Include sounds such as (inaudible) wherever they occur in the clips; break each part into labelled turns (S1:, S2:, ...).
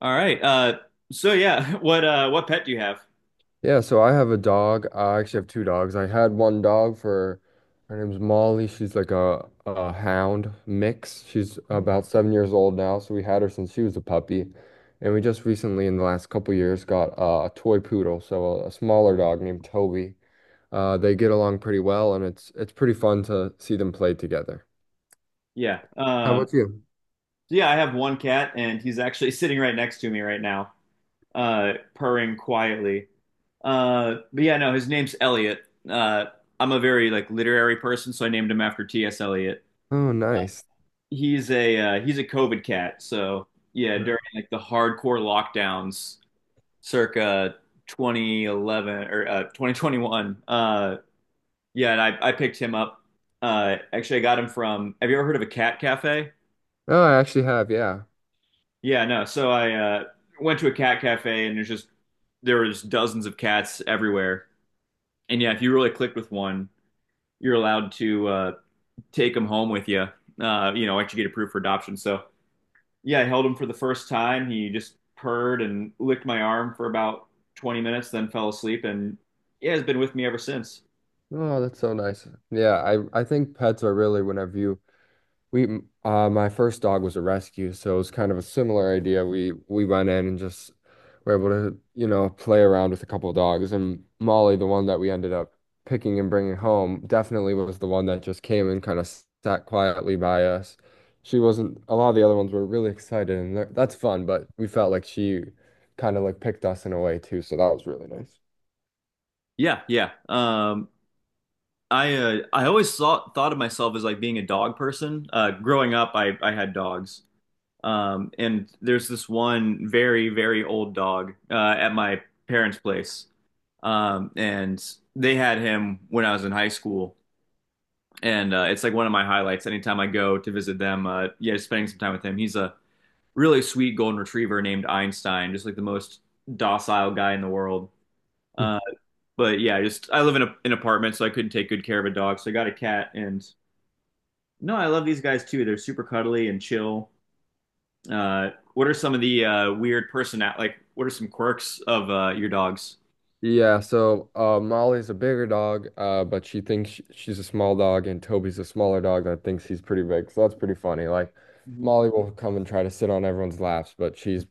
S1: All right. So (laughs) what pet do you have?
S2: Yeah, so I have a dog. I actually have two dogs. I had one dog for Her name's Molly. She's like a hound mix. She's about 7 years old now, so we had her since she was a puppy. And we just recently, in the last couple years, got a toy poodle, so a smaller dog named Toby. They get along pretty well, and it's pretty fun to see them play together.
S1: Yeah.
S2: How about you?
S1: I have one cat, and he's actually (laughs) sitting right next to me right now, purring quietly. But no, his name's Elliot. Uh, I'm a very like literary person, so I named him after T.S. Eliot.
S2: Oh, nice.
S1: He's a COVID cat, so yeah, during
S2: Yeah.
S1: like the hardcore lockdowns, circa 2011, or 2021. I picked him up. Actually, I got him from. Have you ever heard of a cat cafe?
S2: Oh, I actually have, yeah.
S1: Yeah, no. So I went to a cat cafe, and there's just there was dozens of cats everywhere. And yeah, if you really clicked with one, you're allowed to take him home with you. You know, once you get approved for adoption. So yeah, I held him for the first time. He just purred and licked my arm for about 20 minutes, then fell asleep, and yeah, has been with me ever since.
S2: Oh, that's so nice. Yeah, I think pets are really whenever you— my first dog was a rescue, so it was kind of a similar idea. We went in and just were able to, you know, play around with a couple of dogs. And Molly, the one that we ended up picking and bringing home, definitely was the one that just came and kind of sat quietly by us. She wasn't— a lot of the other ones were really excited, and that's fun, but we felt like she kind of like picked us in a way too, so that was really nice.
S1: Yeah, yeah. I always thought of myself as like being a dog person. Growing up, I had dogs, and there's this one very old dog at my parents' place, and they had him when I was in high school, and it's like one of my highlights. Anytime I go to visit them, yeah, just spending some time with him. He's a really sweet golden retriever named Einstein, just like the most docile guy in the world. Uh, but yeah, just I live in an apartment, so I couldn't take good care of a dog, so I got a cat and. No, I love these guys too. They're super cuddly and chill. What are some of the weird personality? Like? What are some quirks of your dogs?
S2: Yeah, so Molly's a bigger dog, but she thinks she's a small dog, and Toby's a smaller dog that thinks he's pretty big. So that's pretty funny. Like
S1: Mhm.
S2: Molly will come and try to sit on everyone's laps, but she's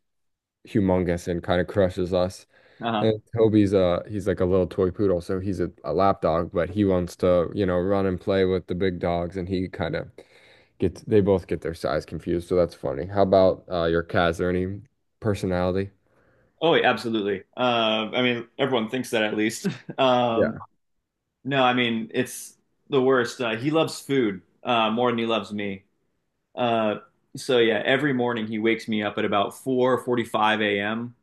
S2: humongous and kind of crushes us.
S1: Uh-huh.
S2: And Toby's uh, he's like a little toy poodle, so he's a lap dog, but he wants to, you know, run and play with the big dogs, and he kind of gets— they both get their size confused. So that's funny. How about your cat? Is there any personality?
S1: Oh, yeah, absolutely. I mean, everyone thinks that at least. (laughs) Um,
S2: Yeah,
S1: no, I mean, it's the worst. He loves food more than he loves me. Uh, so yeah, every morning he wakes me up at about 4:45 a.m.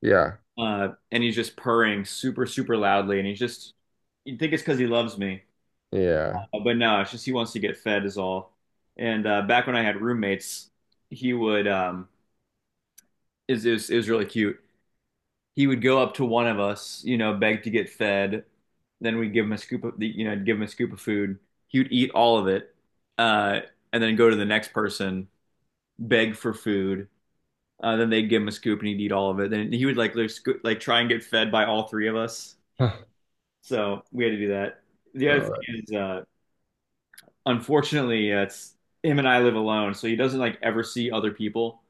S2: yeah,
S1: And he's just purring super, super loudly, and he's just you'd think it's because he loves me.
S2: yeah.
S1: But no, it's just he wants to get fed is all. And back when I had roommates, he would is really cute. He would go up to one of us, you know, beg to get fed. Then we'd give him a scoop of the, you know, give him a scoop of food. He would eat all of it, uh, and then go to the next person, beg for food. Then they'd give him a scoop, and he'd eat all of it. Then he would like try and get fed by all three of us.
S2: (laughs)
S1: So we had to do that. The other thing
S2: Uh,
S1: is, unfortunately, it's him and I live alone, so he doesn't like ever see other people.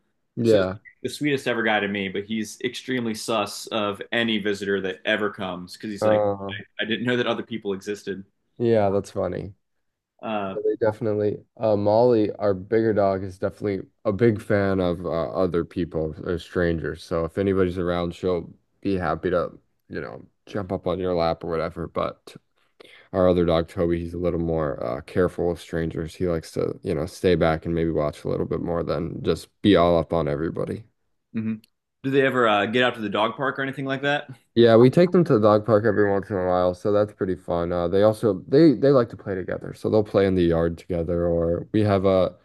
S1: So he's
S2: yeah.
S1: the sweetest ever guy to me, but he's extremely sus of any visitor that ever comes because he's like,
S2: Uh,
S1: I didn't know that other people existed.
S2: yeah, that's funny.
S1: Uh,
S2: Yeah, they definitely. Molly, our bigger dog, is definitely a big fan of other people or strangers. So if anybody's around, she'll be happy to, you know, jump up on your lap or whatever. But our other dog, Toby, he's a little more careful with strangers. He likes to, you know, stay back and maybe watch a little bit more than just be all up on everybody.
S1: mhm. Do they ever get out to the dog park or anything like that?
S2: Yeah, we take them to the dog park every once in a while, so that's pretty fun. They also they like to play together, so they'll play in the yard together, or we have a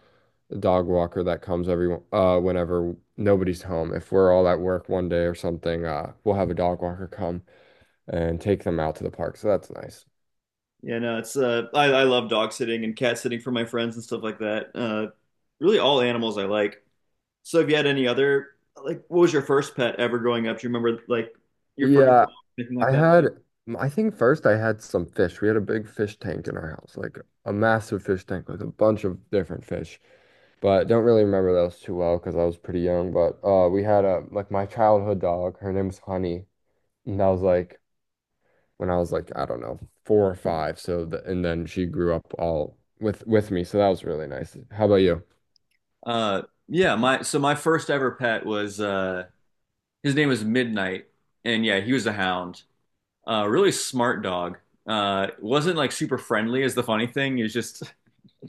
S2: dog walker that comes every— uh, whenever nobody's home. If we're all at work one day or something, we'll have a dog walker come and take them out to the park, so that's nice.
S1: Yeah, no, it's I love dog sitting and cat sitting for my friends and stuff like that. Really, all animals I like. So, have you had any other like, what was your first pet ever growing up? Do you remember like your first
S2: Yeah,
S1: anything like
S2: I
S1: that?
S2: had I think first I had some fish. We had a big fish tank in our house, like a massive fish tank with a bunch of different fish. But don't really remember those too well because I was pretty young. But we had a— like my childhood dog. Her name was Honey, and that was like when I was like I don't know 4 or 5. So the— and then she grew up all with me. So that was really nice. How about you?
S1: Uh, yeah, my first ever pet was his name was Midnight, and yeah, he was a hound. Really smart dog. Wasn't like super friendly is the funny thing. He was just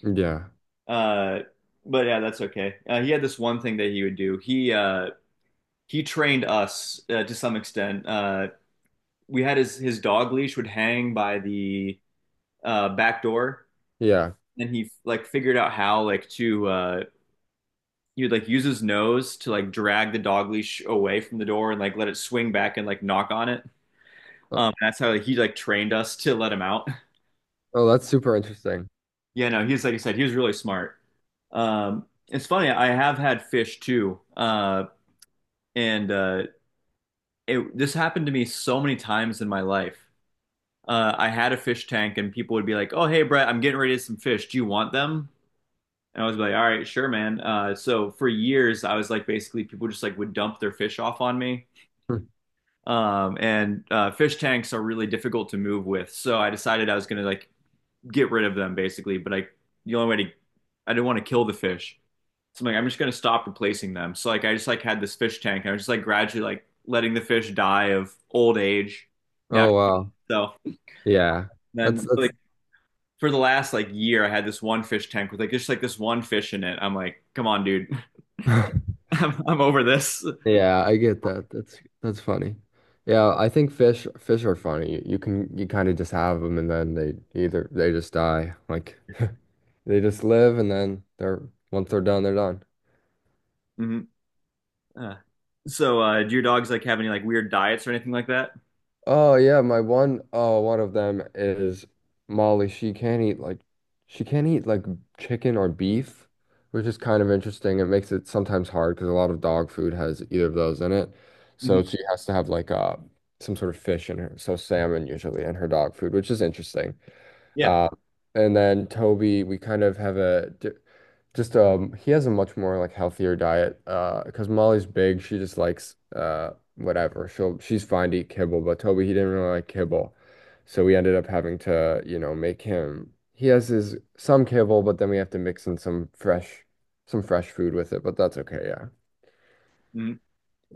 S2: Yeah,
S1: (laughs) uh, but yeah, that's okay. He had this one thing that he would do. He trained us to some extent. We had his dog leash would hang by the back door,
S2: yeah.
S1: and he like figured out how like to he would like use his nose to like drag the dog leash away from the door and like let it swing back and like knock on it.
S2: Oh,
S1: That's how he like trained us to let him out. (laughs)
S2: oh, that's super interesting.
S1: Yeah, no, he's like I said, he was really smart. Um, it's funny, I have had fish too, and it, this happened to me so many times in my life. I had a fish tank, and people would be like, "Oh, hey, Brett, I'm getting ready to get some fish. Do you want them?" And I was like, "All right, sure, man." So for years, I was like, basically, people just like would dump their fish off on me.
S2: (laughs)
S1: And fish tanks are really difficult to move with. So I decided I was gonna like get rid of them basically, but I the only way to I didn't want to kill the fish. So I'm like, I'm just gonna stop replacing them. So like I just like had this fish tank. I was just like gradually like letting the fish die of old age,
S2: Oh
S1: natural
S2: wow,
S1: stuff.
S2: yeah.
S1: Then
S2: That's
S1: like
S2: that's.
S1: for the last like year, I had this one fish tank with like just like this one fish in it. I'm like, come on, dude,
S2: (laughs)
S1: (laughs) I'm over this.
S2: Yeah, I get that. That's funny. Yeah, I think fish are funny. You can— you kind of just have them and then they— either they just die. Like (laughs) they just live and then they're— once they're done, they're done.
S1: Hmm. Uh, so do your dogs like have any like weird diets or anything like that?
S2: Oh yeah, my one oh one of them is Molly. She can't eat like chicken or beef, which is kind of interesting. It makes it sometimes hard because a lot of dog food has either of those in it. So
S1: Hmm.
S2: she has to have like some sort of fish in her, so salmon usually in her dog food, which is interesting.
S1: Yeah.
S2: Uh, and then Toby, we kind of have just he has a much more like healthier diet. Because Molly's big, she just likes uh, whatever. She'll— she's fine to eat kibble, but Toby he didn't really like kibble, so we ended up having to you know make him. He has his— some kibble, but then we have to mix in some fresh food with it. But that's okay. Yeah,
S1: Mhm.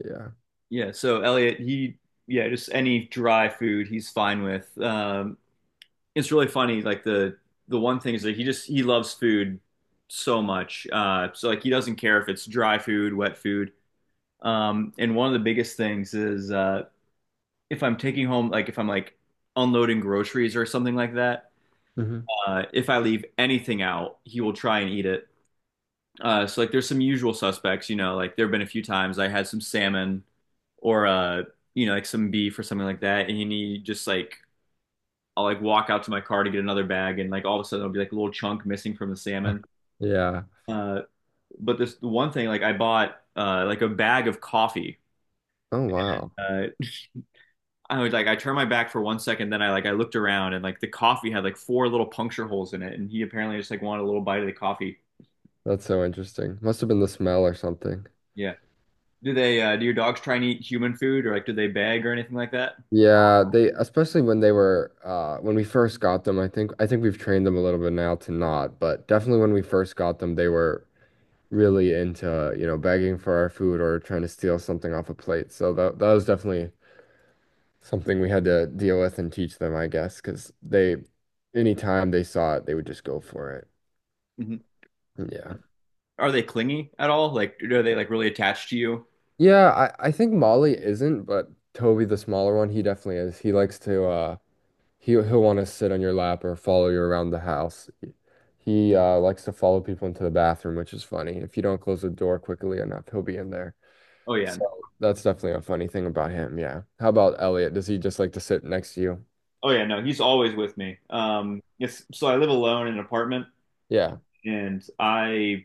S2: yeah,
S1: Yeah, so Elliot, he yeah, just any dry food he's fine with. It's really funny. Like the one thing is that he just he loves food so much. So like he doesn't care if it's dry food, wet food. And one of the biggest things is if I'm taking home like if I'm like unloading groceries or something like that,
S2: hmm.
S1: if I leave anything out, he will try and eat it. So like there's some usual suspects, you know, like there have been a few times I had some salmon or you know, like some beef or something like that, and you need just like I'll like walk out to my car to get another bag, and like all of a sudden there'll be like a little chunk missing from the salmon.
S2: (laughs) Yeah.
S1: Uh, but this the one thing, like I bought like a bag of coffee.
S2: Oh wow,
S1: Uh, I was like I turned my back for 1 second, then I looked around and like the coffee had like four little puncture holes in it, and he apparently just like wanted a little bite of the coffee.
S2: that's so interesting. Must have been the smell or something.
S1: Yeah. Do they do your dogs try and eat human food or like do they beg or anything like that?
S2: Yeah, they especially when they were uh, when we first got them, I think we've trained them a little bit now to not, but definitely when we first got them, they were really into, you know, begging for our food or trying to steal something off a plate. So that that was definitely something we had to deal with and teach them, I guess, because they— anytime they saw it, they would just go for it.
S1: Mhm.
S2: Yeah.
S1: Are they clingy at all? Like, are they like really attached to you?
S2: Yeah, I think Molly isn't, but Toby, the smaller one, he definitely is. He likes to uh, he'll want to sit on your lap or follow you around the house. He likes to follow people into the bathroom, which is funny. If you don't close the door quickly enough, he'll be in there.
S1: Oh yeah.
S2: So that's definitely a funny thing about him. Yeah. How about Elliot? Does he just like to sit next to you?
S1: Oh yeah, no, he's always with me. Um, it's so I live alone in an apartment
S2: Yeah.
S1: and I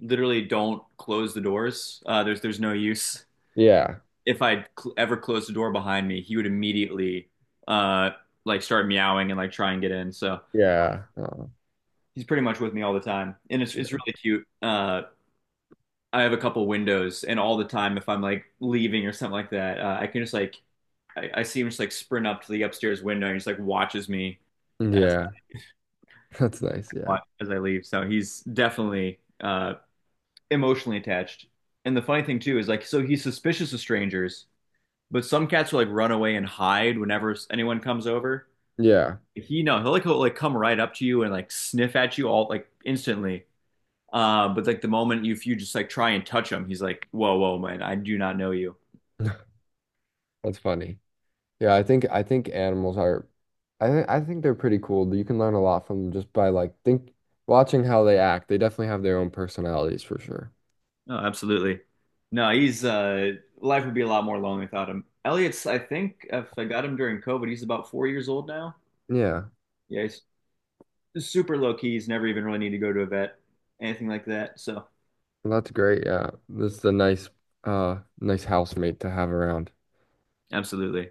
S1: literally don't close the doors. Uh, there's no use.
S2: Yeah.
S1: If I ever closed the door behind me, he would immediately uh like start meowing and like try and get in. So
S2: Yeah. Oh,
S1: he's pretty much with me all the time. And it's
S2: yeah.
S1: really cute. Uh, I have a couple windows and all the time if I'm like leaving or something like that, I can just like I see him just like sprint up to the upstairs window and he just like watches me as
S2: Yeah. (laughs) That's nice. Yeah.
S1: I, as I leave. So he's definitely emotionally attached. And the funny thing too is like, so he's suspicious of strangers, but some cats will like run away and hide whenever anyone comes over.
S2: Yeah.
S1: He no, he'll like like come right up to you and like sniff at you all like instantly. But like the moment you if you just like try and touch him, he's like, whoa, whoa, man, I do not know you.
S2: (laughs) That's funny. Yeah, I think animals are— I think they're pretty cool. You can learn a lot from them just by like think watching how they act. They definitely have their own personalities for sure.
S1: No, absolutely. No, he's life would be a lot more lonely without him. Elliot's, I think, if I got him during COVID, he's about 4 years old now.
S2: Yeah.
S1: Yeah, he's super low key. He's never even really need to go to a vet, anything like that. So,
S2: Well, that's great. Yeah. This is a nice nice housemate to have around.
S1: absolutely.